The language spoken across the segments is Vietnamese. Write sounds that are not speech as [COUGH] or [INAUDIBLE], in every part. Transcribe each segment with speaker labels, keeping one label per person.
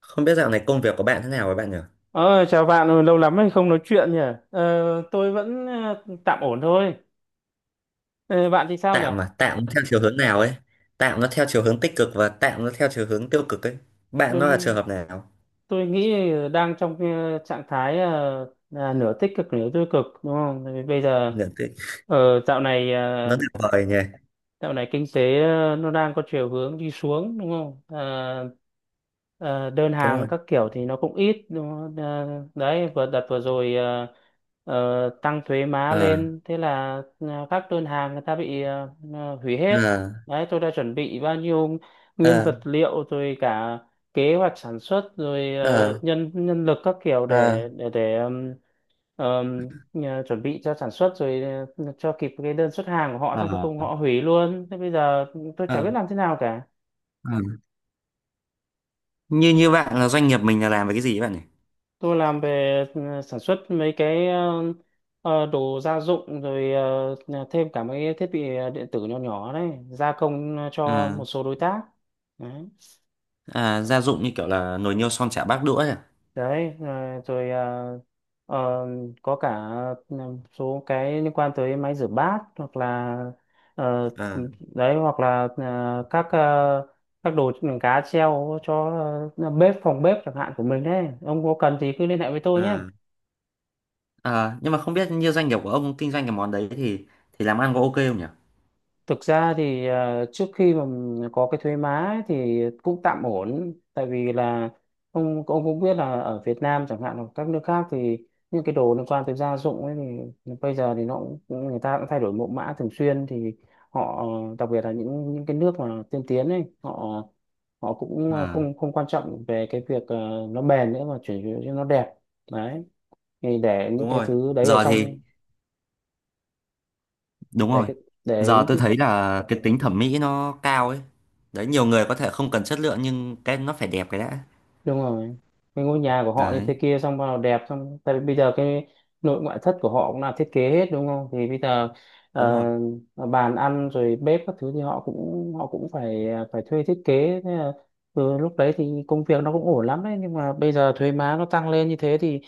Speaker 1: Không biết dạo này công việc của bạn thế nào với bạn nhỉ?
Speaker 2: Ờ, chào bạn. Ừ, lâu lắm rồi không nói chuyện nhỉ? Tôi vẫn tạm ổn thôi. Ờ, bạn thì sao nhỉ?
Speaker 1: Tạm mà, tạm nó theo chiều hướng nào ấy? Tạm nó theo chiều hướng tích cực và tạm nó theo chiều hướng tiêu cực ấy. Bạn nó
Speaker 2: Tôi
Speaker 1: là trường hợp nào?
Speaker 2: tôi nghĩ đang trong trạng thái, là nửa tích cực nửa tiêu cực, đúng không? Tại vì bây giờ,
Speaker 1: Nhận tích.
Speaker 2: dạo này, ờ,
Speaker 1: Nó tuyệt vời nhỉ.
Speaker 2: Dạo này kinh tế nó đang có chiều hướng đi xuống, đúng không? Ờ, ờ, đơn
Speaker 1: Đúng
Speaker 2: hàng
Speaker 1: rồi.
Speaker 2: các kiểu thì nó cũng ít, đúng không? Ờ, đấy, vừa đợt vừa rồi tăng thuế má
Speaker 1: Ờ,
Speaker 2: lên, thế là các đơn hàng người ta bị hủy hết.
Speaker 1: ờ,
Speaker 2: Đấy, tôi đã chuẩn bị bao nhiêu nguyên
Speaker 1: ờ,
Speaker 2: vật liệu rồi, cả kế hoạch sản xuất rồi,
Speaker 1: ờ,
Speaker 2: nhân nhân lực các kiểu
Speaker 1: ờ,
Speaker 2: để ờm, chuẩn bị cho sản xuất rồi, cho kịp cái đơn xuất hàng của họ, xong cuối
Speaker 1: ờ,
Speaker 2: cùng họ hủy luôn. Thế bây giờ tôi chả
Speaker 1: ờ,
Speaker 2: biết làm thế nào cả.
Speaker 1: ờ. Như như bạn là doanh nghiệp mình là làm về cái gì ấy bạn nhỉ?
Speaker 2: Tôi làm về sản xuất mấy cái đồ gia dụng, rồi thêm cả mấy cái thiết bị điện tử nhỏ nhỏ, đấy, gia công
Speaker 1: Ờ,
Speaker 2: cho một số đối tác. Đấy
Speaker 1: à, gia dụng như kiểu là nồi niêu son chả bát đũa ấy à?
Speaker 2: đấy, rồi ờ, có cả một số cái liên quan tới máy rửa bát, hoặc là ờ,
Speaker 1: À,
Speaker 2: đấy, hoặc là các, các đồ cá treo cho bếp, phòng bếp chẳng hạn của mình đấy. Ông có cần thì cứ liên hệ với tôi nhé.
Speaker 1: à. Ờ, nhưng mà không biết như doanh nghiệp của ông kinh doanh cái món đấy thì làm ăn có OK không nhỉ?
Speaker 2: Thực ra thì trước khi mà có cái thuế má ấy thì cũng tạm ổn, tại vì là ông cũng biết là ở Việt Nam chẳng hạn hoặc các nước khác thì những cái đồ liên quan tới gia dụng ấy thì bây giờ thì nó cũng người ta cũng thay đổi mẫu mã thường xuyên. Thì họ, đặc biệt là những cái nước mà tiên tiến ấy, họ, cũng
Speaker 1: Ờ,
Speaker 2: không không quan trọng về cái việc nó bền nữa, mà chỉ cho nó đẹp. Đấy, thì để những
Speaker 1: đúng
Speaker 2: cái
Speaker 1: rồi.
Speaker 2: thứ đấy ở
Speaker 1: Giờ thì
Speaker 2: trong,
Speaker 1: đúng
Speaker 2: để
Speaker 1: rồi.
Speaker 2: cái- để
Speaker 1: Giờ
Speaker 2: những
Speaker 1: tôi thấy là cái tính thẩm mỹ nó cao ấy. Đấy, nhiều người có thể không cần chất lượng nhưng cái nó phải đẹp cái đã.
Speaker 2: đúng rồi, cái ngôi nhà của họ như
Speaker 1: Đấy,
Speaker 2: thế kia xong bắt đầu đẹp. Xong tại vì bây giờ cái nội ngoại thất của họ cũng là thiết kế hết đúng không, thì bây giờ
Speaker 1: đúng rồi.
Speaker 2: ờ, bàn ăn rồi bếp các thứ thì họ cũng phải, phải thuê thiết kế. Thế là từ lúc đấy thì công việc nó cũng ổn lắm đấy. Nhưng mà bây giờ thuế má nó tăng lên như thế thì,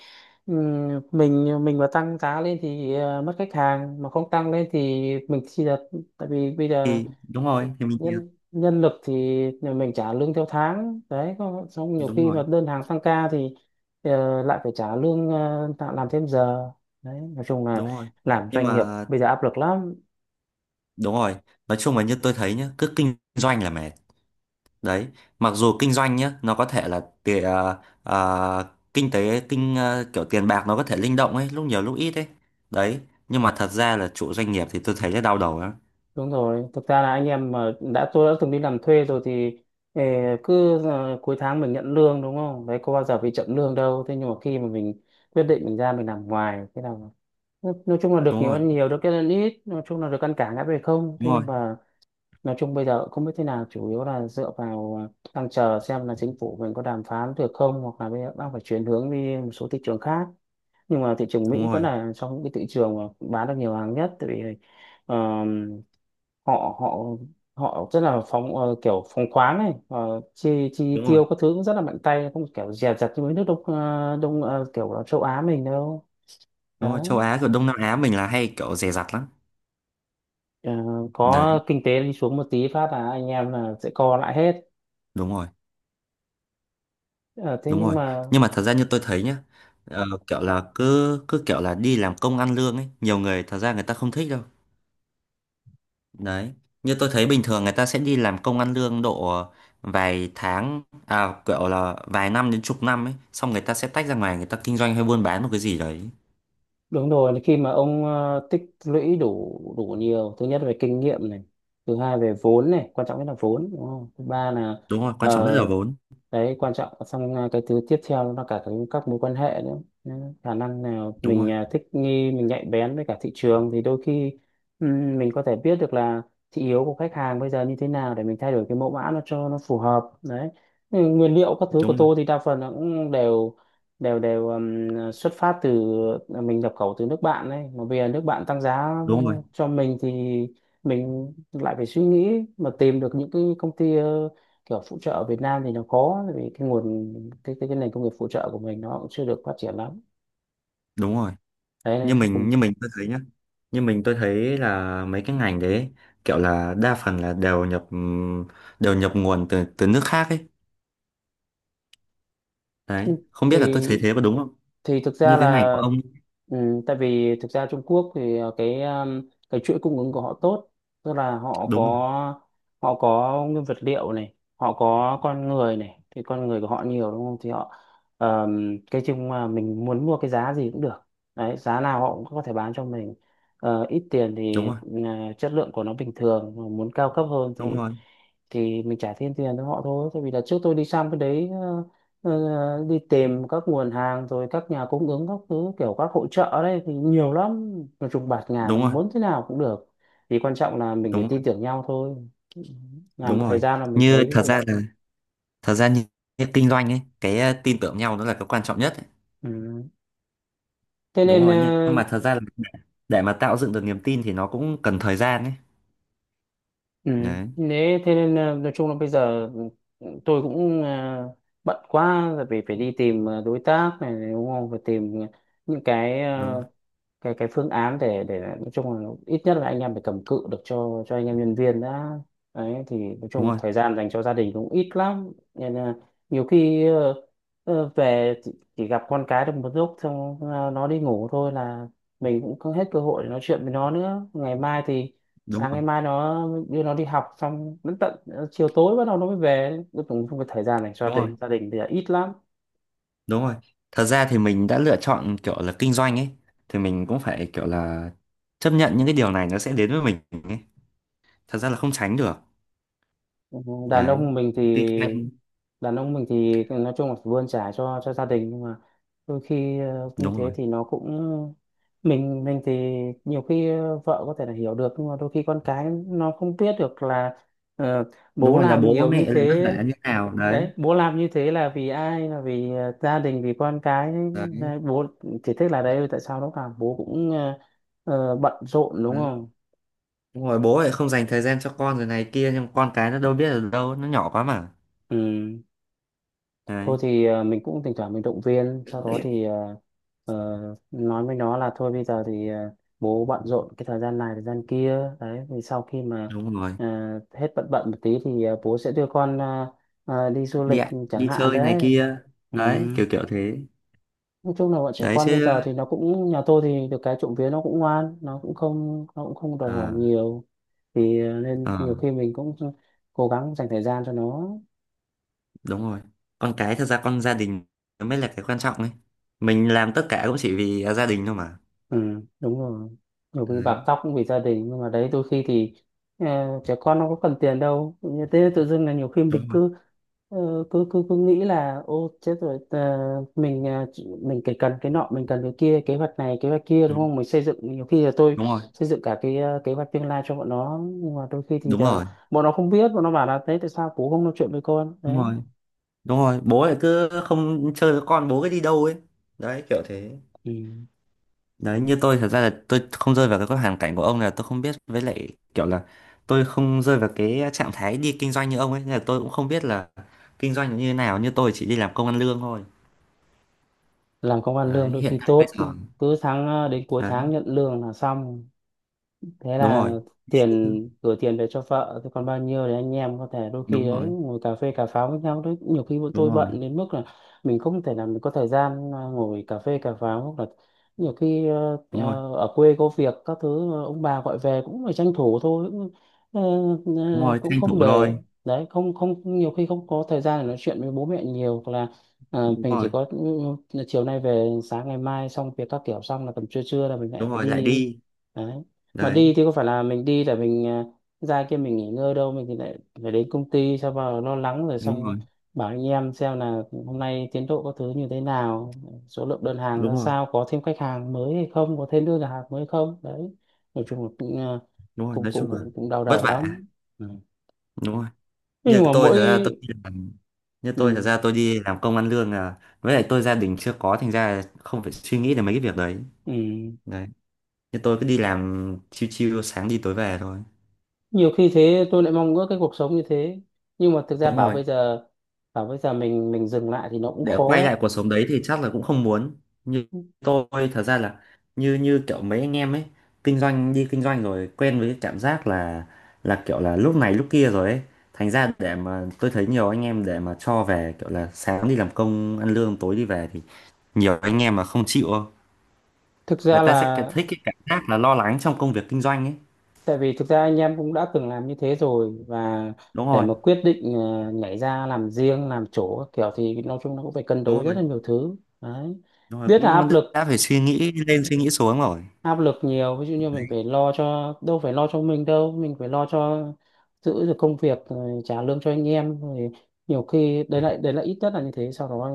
Speaker 2: mình mà tăng giá lên thì mất khách hàng, mà không tăng lên thì mình chỉ là, tại vì bây giờ
Speaker 1: Thì đúng rồi, thì mình thiệt.
Speaker 2: nhân nhân lực thì nhà mình trả lương theo tháng đấy xong nhiều
Speaker 1: Đúng
Speaker 2: khi
Speaker 1: rồi,
Speaker 2: mà đơn hàng tăng ca thì lại phải trả lương, tạo làm thêm giờ. Đấy nói chung là
Speaker 1: đúng rồi.
Speaker 2: làm
Speaker 1: Nhưng
Speaker 2: doanh nghiệp
Speaker 1: mà
Speaker 2: bây giờ áp lực lắm.
Speaker 1: đúng rồi, nói chung là như tôi thấy nhá, cứ kinh doanh là mệt. Đấy, mặc dù kinh doanh nhá, nó có thể là tiền kinh tế kinh kiểu tiền bạc nó có thể linh động ấy, lúc nhiều lúc ít ấy. Đấy, nhưng mà thật ra là chủ doanh nghiệp thì tôi thấy là đau đầu lắm.
Speaker 2: Đúng rồi, thực ra là anh em mà đã, tôi đã từng đi làm thuê rồi thì ờ, cứ cuối tháng mình nhận lương đúng không, đấy có bao giờ bị chậm lương đâu. Thế nhưng mà khi mà mình quyết định mình ra mình làm ngoài thế nào, nói chung là được
Speaker 1: Đúng
Speaker 2: nhiều
Speaker 1: rồi,
Speaker 2: ăn nhiều, được cái ăn ít, nói chung là được ăn cả ngã về không.
Speaker 1: đúng
Speaker 2: Thế
Speaker 1: rồi,
Speaker 2: nhưng mà nói chung bây giờ không biết thế nào, chủ yếu là dựa vào, đang chờ xem là chính phủ mình có đàm phán được không, hoặc là bây giờ đang phải chuyển hướng đi một số thị trường khác. Nhưng mà thị trường Mỹ
Speaker 1: đúng
Speaker 2: vẫn
Speaker 1: rồi,
Speaker 2: là trong những cái thị trường mà bán được nhiều hàng nhất, tại vì ờ, họ, họ họ rất là phóng, kiểu phóng khoáng này, chi chi
Speaker 1: đúng rồi.
Speaker 2: tiêu các thứ cũng rất là mạnh tay, không kiểu dè dặt như mấy nước đông, kiểu là châu Á mình đâu.
Speaker 1: Đúng rồi,
Speaker 2: Đấy.
Speaker 1: châu Á rồi Đông Nam Á mình là hay kiểu dè dặt lắm.
Speaker 2: Ờ, có
Speaker 1: Đấy,
Speaker 2: kinh tế đi xuống một tí phát là anh em là sẽ co lại hết.
Speaker 1: đúng rồi,
Speaker 2: Ờ, thế
Speaker 1: đúng
Speaker 2: nhưng
Speaker 1: rồi.
Speaker 2: mà.
Speaker 1: Nhưng mà thật ra như tôi thấy nhá, kiểu là cứ cứ kiểu là đi làm công ăn lương ấy, nhiều người thật ra người ta không thích đâu. Đấy, như tôi thấy bình thường người ta sẽ đi làm công ăn lương độ vài tháng, à kiểu là vài năm đến chục năm ấy, xong người ta sẽ tách ra ngoài người ta kinh doanh hay buôn bán một cái gì đấy.
Speaker 2: Đúng rồi, khi mà ông tích lũy đủ, nhiều, thứ nhất là về kinh nghiệm này, thứ hai về vốn này, quan trọng nhất là vốn, đúng không? Thứ ba là
Speaker 1: Đúng rồi,
Speaker 2: ờ,
Speaker 1: quan trọng nhất là vốn.
Speaker 2: đấy, quan trọng. Xong cái thứ tiếp theo nó là cả cái, các mối quan hệ nữa. Nên khả năng nào
Speaker 1: Đúng rồi,
Speaker 2: mình thích nghi, mình nhạy bén với cả thị trường thì đôi khi mình có thể biết được là thị hiếu của khách hàng bây giờ như thế nào để mình thay đổi cái mẫu mã nó cho nó phù hợp. Đấy. Ừ, nguyên liệu các thứ của
Speaker 1: đúng rồi,
Speaker 2: tôi thì đa phần là cũng đều đều đều xuất phát từ, mình nhập khẩu từ nước bạn đấy. Mà bây giờ nước bạn tăng giá
Speaker 1: đúng rồi,
Speaker 2: cho mình thì mình lại phải suy nghĩ mà tìm được những cái công ty kiểu phụ trợ ở Việt Nam thì nó có, tại vì cái nguồn, cái nền công nghiệp phụ trợ của mình nó cũng chưa được phát triển lắm.
Speaker 1: đúng rồi.
Speaker 2: Đấy nên cũng không.
Speaker 1: Như mình tôi thấy nhá, như mình tôi thấy là mấy cái ngành đấy kiểu là đa phần là đều nhập nguồn từ từ nước khác ấy. Đấy, không
Speaker 2: thì
Speaker 1: biết là tôi thấy thế có đúng không,
Speaker 2: thì thực ra
Speaker 1: như cái ngành của
Speaker 2: là,
Speaker 1: ông.
Speaker 2: ừ, tại vì thực ra Trung Quốc thì cái chuỗi cung ứng của họ tốt. Tức là họ
Speaker 1: Đúng rồi,
Speaker 2: có, nguyên vật liệu này, họ có con người này, thì con người của họ nhiều đúng không. Thì họ cái chung mà mình muốn mua cái giá gì cũng được. Đấy, giá nào họ cũng có thể bán cho mình. Ít tiền
Speaker 1: đúng
Speaker 2: thì
Speaker 1: rồi,
Speaker 2: chất lượng của nó bình thường, mà muốn cao cấp hơn
Speaker 1: đúng
Speaker 2: thì
Speaker 1: rồi,
Speaker 2: mình trả thêm tiền cho họ thôi. Tại vì là trước tôi đi sang cái đấy đi tìm các nguồn hàng rồi các nhà cung ứng các thứ, kiểu các hội chợ đấy thì nhiều lắm, nói chung bạt ngàn, nó
Speaker 1: đúng rồi,
Speaker 2: muốn thế nào cũng được. Thì quan trọng là mình
Speaker 1: đúng
Speaker 2: phải
Speaker 1: rồi,
Speaker 2: tin tưởng nhau thôi. Ừ. Làm
Speaker 1: đúng
Speaker 2: một thời
Speaker 1: rồi.
Speaker 2: gian là mình
Speaker 1: Như
Speaker 2: thấy
Speaker 1: thật ra
Speaker 2: được.
Speaker 1: là, thật ra như, như kinh doanh ấy cái tin tưởng nhau nó là cái quan trọng nhất ấy.
Speaker 2: Ừ. thế
Speaker 1: Đúng
Speaker 2: nên
Speaker 1: rồi, nhưng
Speaker 2: ờ,
Speaker 1: nhưng mà thật ra là để mà tạo dựng được niềm tin thì nó cũng cần thời gian ấy,
Speaker 2: ừ.
Speaker 1: đấy.
Speaker 2: thế thế nên ờ, Nói chung là bây giờ tôi cũng bận quá, tại vì phải đi tìm đối tác này đúng không, phải tìm những cái,
Speaker 1: Đúng rồi,
Speaker 2: cái phương án để nói chung là ít nhất là anh em phải cầm cự được cho anh em nhân viên đã. Đấy thì nói
Speaker 1: đúng
Speaker 2: chung
Speaker 1: rồi,
Speaker 2: thời gian dành cho gia đình cũng ít lắm, nên là nhiều khi về chỉ gặp con cái được một lúc, xong nó đi ngủ thôi là mình cũng không hết cơ hội để nói chuyện với nó nữa. Ngày mai thì
Speaker 1: đúng
Speaker 2: sáng
Speaker 1: rồi,
Speaker 2: ngày mai nó, đưa nó đi học, xong đến tận chiều tối bắt đầu nó mới về. Cuối cùng không có thời gian dành cho
Speaker 1: đúng
Speaker 2: gia
Speaker 1: rồi.
Speaker 2: đình, gia đình thì là ít lắm.
Speaker 1: Đúng rồi. Thật ra thì mình đã lựa chọn kiểu là kinh doanh ấy thì mình cũng phải kiểu là chấp nhận những cái điều này nó sẽ đến với mình ấy. Thật ra là không tránh được.
Speaker 2: đàn
Speaker 1: Đấy.
Speaker 2: ông mình thì
Speaker 1: Tuy nhiên
Speaker 2: Đàn ông mình thì nói chung là phải bươn chải cho gia đình, nhưng mà đôi khi như
Speaker 1: đúng
Speaker 2: thế
Speaker 1: rồi.
Speaker 2: thì nó cũng. Mình thì nhiều khi vợ có thể là hiểu được, nhưng mà đôi khi con cái nó không biết được là ờ,
Speaker 1: Đúng
Speaker 2: bố
Speaker 1: rồi là
Speaker 2: làm
Speaker 1: bố
Speaker 2: nhiều như
Speaker 1: mẹ lại vất
Speaker 2: thế.
Speaker 1: vả như nào đấy.
Speaker 2: Đấy, bố làm như thế là vì ai, là vì gia đình, vì con cái.
Speaker 1: Đấy.
Speaker 2: Đấy, bố chỉ thích là, đấy tại sao lúc nào bố cũng bận rộn, đúng
Speaker 1: Đấy.
Speaker 2: không.
Speaker 1: Đúng rồi bố lại không dành thời gian cho con rồi này kia nhưng con cái nó đâu biết ở đâu, nó nhỏ quá mà.
Speaker 2: Ừ,
Speaker 1: Đấy.
Speaker 2: thôi thì mình cũng thỉnh thoảng mình động viên, sau đó thì ờ, nói với nó là thôi bây giờ thì bố bận rộn cái thời gian này thời gian kia. Đấy thì sau khi mà
Speaker 1: Đúng rồi.
Speaker 2: ờ, hết bận, một tí thì bố sẽ đưa con đi du
Speaker 1: Đi
Speaker 2: lịch
Speaker 1: ạ,
Speaker 2: chẳng
Speaker 1: đi
Speaker 2: hạn.
Speaker 1: chơi này
Speaker 2: Đấy.
Speaker 1: kia.
Speaker 2: Ừ.
Speaker 1: Đấy, kiểu kiểu thế.
Speaker 2: Nói chung là bọn trẻ
Speaker 1: Đấy
Speaker 2: con bây
Speaker 1: chứ.
Speaker 2: giờ thì nó cũng, nhà tôi thì được cái trộm vía nó cũng ngoan, nó cũng không, đòi
Speaker 1: Ờ,
Speaker 2: hỏi nhiều. Thì nên
Speaker 1: ờ.
Speaker 2: nhiều khi mình cũng cố gắng dành thời gian cho nó.
Speaker 1: Đúng rồi, con cái thật ra con gia đình nó mới là cái quan trọng ấy, mình làm tất cả cũng chỉ vì à, gia đình thôi mà.
Speaker 2: Ừ, đúng rồi. Nhiều khi
Speaker 1: Đấy,
Speaker 2: bạc tóc cũng vì gia đình, nhưng mà đấy, đôi khi thì ờ, trẻ con nó có cần tiền đâu. Như thế tự dưng là nhiều khi mình
Speaker 1: đúng rồi.
Speaker 2: cứ cứ nghĩ là ô chết rồi, mình mình cái cần cái nọ, mình cần cái kia, kế hoạch này kế hoạch kia, đúng
Speaker 1: đúng,
Speaker 2: không? Mình xây dựng, nhiều khi là tôi
Speaker 1: đúng rồi,
Speaker 2: xây dựng cả cái kế hoạch tương lai cho bọn nó. Nhưng mà đôi khi thì
Speaker 1: đúng
Speaker 2: là
Speaker 1: rồi,
Speaker 2: bọn nó không biết, bọn nó bảo là thế tại sao bố không nói chuyện với con.
Speaker 1: đúng
Speaker 2: Đấy.
Speaker 1: rồi, đúng rồi bố lại cứ không chơi với con bố cứ đi đâu ấy. Đấy kiểu thế.
Speaker 2: Ừ.
Speaker 1: Đấy, như tôi thật ra là tôi không rơi vào cái hoàn cảnh của ông là tôi không biết với lại kiểu là tôi không rơi vào cái trạng thái đi kinh doanh như ông ấy nên là tôi cũng không biết là kinh doanh như thế nào, như tôi chỉ đi làm công ăn lương thôi.
Speaker 2: Làm công ăn
Speaker 1: Đấy
Speaker 2: lương đôi
Speaker 1: hiện
Speaker 2: khi
Speaker 1: tại bây
Speaker 2: tốt,
Speaker 1: giờ.
Speaker 2: cứ tháng đến cuối tháng
Speaker 1: Đấy,
Speaker 2: nhận lương là xong, thế
Speaker 1: đúng
Speaker 2: là
Speaker 1: rồi,
Speaker 2: tiền, gửi tiền về cho vợ, thế còn bao nhiêu thì anh em có thể đôi khi
Speaker 1: đúng
Speaker 2: đấy
Speaker 1: rồi,
Speaker 2: ngồi cà phê cà pháo với nhau. Đấy, nhiều khi bọn
Speaker 1: đúng
Speaker 2: tôi
Speaker 1: rồi,
Speaker 2: bận đến mức là mình không thể nào mình có thời gian ngồi cà phê cà pháo, hoặc là nhiều khi
Speaker 1: đúng rồi,
Speaker 2: ở quê có việc các thứ, ông bà gọi về cũng phải tranh thủ thôi, cũng ờ,
Speaker 1: đúng rồi
Speaker 2: cũng
Speaker 1: tranh
Speaker 2: không
Speaker 1: thủ
Speaker 2: để
Speaker 1: rồi,
Speaker 2: đấy. Không, không, nhiều khi không có thời gian để nói chuyện với bố mẹ nhiều, hoặc là
Speaker 1: đúng
Speaker 2: mình
Speaker 1: rồi,
Speaker 2: chỉ có, ừ, chiều nay về sáng ngày mai xong việc các kiểu, xong là tầm trưa trưa là mình lại
Speaker 1: đúng
Speaker 2: phải
Speaker 1: rồi lại
Speaker 2: đi.
Speaker 1: đi.
Speaker 2: Đấy, mà
Speaker 1: Đấy,
Speaker 2: đi thì có phải là mình đi để mình ra kia mình nghỉ ngơi đâu, mình thì lại phải đến công ty sao vào lo lắng, rồi
Speaker 1: đúng rồi,
Speaker 2: xong bảo anh em xem là hôm nay tiến độ có thứ như thế nào, số lượng đơn hàng
Speaker 1: đúng
Speaker 2: ra
Speaker 1: rồi,
Speaker 2: sao, có thêm khách hàng mới hay không, có thêm đơn hàng mới hay không. Đấy, nói chung là cũng
Speaker 1: đúng rồi
Speaker 2: cũng
Speaker 1: nói
Speaker 2: cũng
Speaker 1: chung là
Speaker 2: cũng cũng đau
Speaker 1: vất
Speaker 2: đầu
Speaker 1: vả.
Speaker 2: lắm. Ừ.
Speaker 1: Đúng rồi,
Speaker 2: Thế
Speaker 1: như
Speaker 2: nhưng mà
Speaker 1: tôi
Speaker 2: mỗi,
Speaker 1: thật ra tôi đi làm, như tôi thật
Speaker 2: ừ,
Speaker 1: ra tôi đi làm công ăn lương là với lại tôi gia đình chưa có thành ra là không phải suy nghĩ đến mấy cái việc đấy.
Speaker 2: ừ,
Speaker 1: Đấy, như tôi cứ đi làm chiêu chiêu sáng đi tối về thôi.
Speaker 2: nhiều khi thế tôi lại mong ước cái cuộc sống như thế, nhưng mà thực ra
Speaker 1: Đúng
Speaker 2: bảo
Speaker 1: rồi,
Speaker 2: bây giờ, bảo bây giờ mình dừng lại thì nó cũng
Speaker 1: để quay
Speaker 2: khó.
Speaker 1: lại cuộc sống đấy thì chắc là cũng không muốn. Như tôi thật ra là như như kiểu mấy anh em ấy, kinh doanh đi kinh doanh rồi quen với cái cảm giác là kiểu là lúc này lúc kia rồi ấy, thành ra để mà tôi thấy nhiều anh em để mà cho về kiểu là sáng đi làm công ăn lương tối đi về thì nhiều anh em mà không chịu đâu.
Speaker 2: Thực
Speaker 1: Người
Speaker 2: ra
Speaker 1: ta sẽ cái-
Speaker 2: là
Speaker 1: thích cái cảm giác là lo lắng trong công việc kinh doanh ấy.
Speaker 2: tại vì thực ra anh em cũng đã từng làm như thế rồi, và
Speaker 1: Đúng
Speaker 2: để
Speaker 1: rồi,
Speaker 2: mà quyết định nhảy ra làm riêng, làm chỗ các kiểu, thì nói chung nó cũng phải cân
Speaker 1: đúng
Speaker 2: đối rất
Speaker 1: rồi,
Speaker 2: là nhiều thứ. Đấy.
Speaker 1: đúng rồi
Speaker 2: Biết là
Speaker 1: cũng
Speaker 2: áp lực,
Speaker 1: đã phải suy nghĩ lên suy nghĩ xuống rồi.
Speaker 2: áp lực nhiều, ví dụ như mình phải lo, cho đâu phải lo cho mình đâu, mình phải lo cho giữ được công việc, rồi trả lương cho anh em, rồi nhiều khi đấy lại đấy, là ít nhất là như thế. Sau đó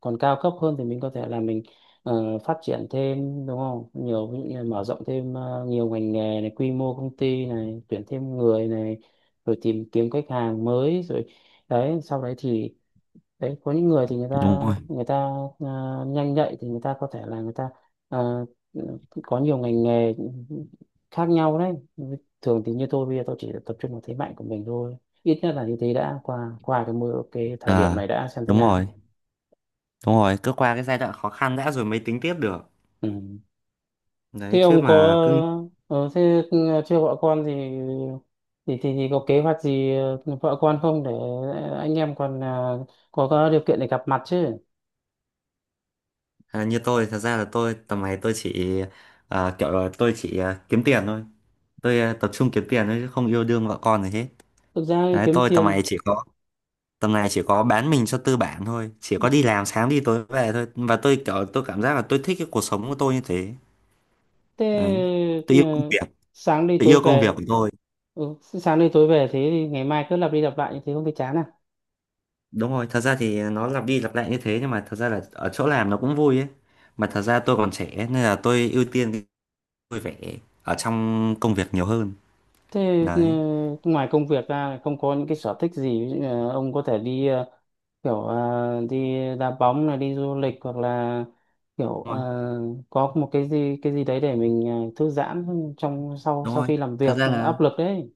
Speaker 2: còn cao cấp hơn thì mình có thể là mình phát triển thêm, đúng không, nhiều ví dụ như là mở rộng thêm nhiều ngành nghề này, quy mô công ty này, tuyển thêm người này, rồi tìm kiếm khách hàng mới, rồi đấy, sau đấy thì đấy có những người thì người ta
Speaker 1: Đúng rồi,
Speaker 2: người ta à, nhanh nhạy thì người ta có thể là người ta à, có nhiều ngành nghề khác nhau. Đấy, thường thì như tôi bây giờ tôi chỉ tập trung vào thế mạnh của mình thôi, ít nhất là như thế. Đã qua qua cái mưa, cái thời điểm
Speaker 1: à,
Speaker 2: này đã, xem thế
Speaker 1: đúng rồi.
Speaker 2: nào.
Speaker 1: Đúng rồi, cứ qua cái giai đoạn khó khăn đã rồi mới tính tiếp được.
Speaker 2: Ừ.
Speaker 1: Đấy,
Speaker 2: Thế
Speaker 1: chứ
Speaker 2: ông có,
Speaker 1: mà cứ
Speaker 2: thế ừ, chưa vợ con thì thì có kế hoạch gì vợ con không, để anh em còn có điều kiện để gặp mặt chứ.
Speaker 1: à, như tôi, thật ra là tôi tầm này tôi chỉ à, kiểu là tôi chỉ à, kiếm tiền thôi. Tôi à, tập trung kiếm tiền thôi chứ không yêu đương vợ con gì hết.
Speaker 2: Thực ra thì
Speaker 1: Đấy,
Speaker 2: kiếm
Speaker 1: tôi tầm này
Speaker 2: tiền.
Speaker 1: chỉ có tầm này chỉ có bán mình cho tư bản thôi, chỉ có đi làm sáng đi tối về thôi. Và tôi kiểu tôi cảm giác là tôi thích cái cuộc sống của tôi như thế. Đấy.
Speaker 2: Thế
Speaker 1: Tôi
Speaker 2: ừ,
Speaker 1: yêu công việc,
Speaker 2: sáng đi
Speaker 1: tôi
Speaker 2: tối
Speaker 1: yêu công việc
Speaker 2: về.
Speaker 1: của tôi.
Speaker 2: Ừ, sáng đi tối về, thế thì ngày mai cứ lặp đi lặp lại như thế không thấy chán à?
Speaker 1: Đúng rồi, thật ra thì nó lặp đi lặp lại như thế nhưng mà thật ra là ở chỗ làm nó cũng vui ấy. Mà thật ra tôi còn trẻ nên là tôi ưu tiên vui vẻ ở trong công việc nhiều hơn.
Speaker 2: Thế ừ,
Speaker 1: Đấy,
Speaker 2: ngoài công việc ra không có những cái sở thích gì? Ví dụ như là ông có thể đi kiểu đi đá bóng này, đi du lịch, hoặc là kiểu
Speaker 1: đúng rồi,
Speaker 2: có một cái gì, cái gì đấy để mình thư giãn trong, sau
Speaker 1: đúng
Speaker 2: sau
Speaker 1: rồi
Speaker 2: khi làm
Speaker 1: thật
Speaker 2: việc
Speaker 1: ra là,
Speaker 2: áp lực đấy.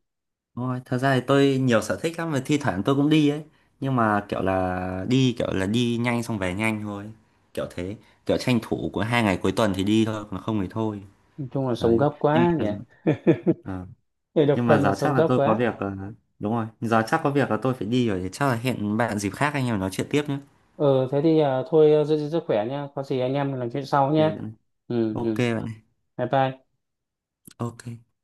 Speaker 1: đúng rồi thật ra thì tôi nhiều sở thích lắm mà thi thoảng tôi cũng đi ấy, nhưng mà kiểu là đi nhanh xong về nhanh thôi kiểu thế, kiểu tranh thủ của hai ngày cuối tuần thì đi thôi còn không thì thôi.
Speaker 2: Nói chung là sống
Speaker 1: Đấy,
Speaker 2: gấp
Speaker 1: nhưng
Speaker 2: quá
Speaker 1: mà
Speaker 2: nhỉ. [LAUGHS]
Speaker 1: ờ,
Speaker 2: Người độc
Speaker 1: nhưng mà
Speaker 2: thân mà
Speaker 1: giờ chắc
Speaker 2: sống
Speaker 1: là
Speaker 2: gấp
Speaker 1: tôi có
Speaker 2: quá.
Speaker 1: việc, đúng rồi giờ chắc có việc là tôi phải đi rồi thì chắc là hẹn bạn dịp khác anh em nói chuyện tiếp nhé.
Speaker 2: Ừ thế thì thôi, giữ gìn sức khỏe nha, có gì anh em mình làm chuyện sau nhé. Ừ,
Speaker 1: OK bạn
Speaker 2: ừ,
Speaker 1: ơi, OK bạn ơi.
Speaker 2: bye bye.
Speaker 1: OK.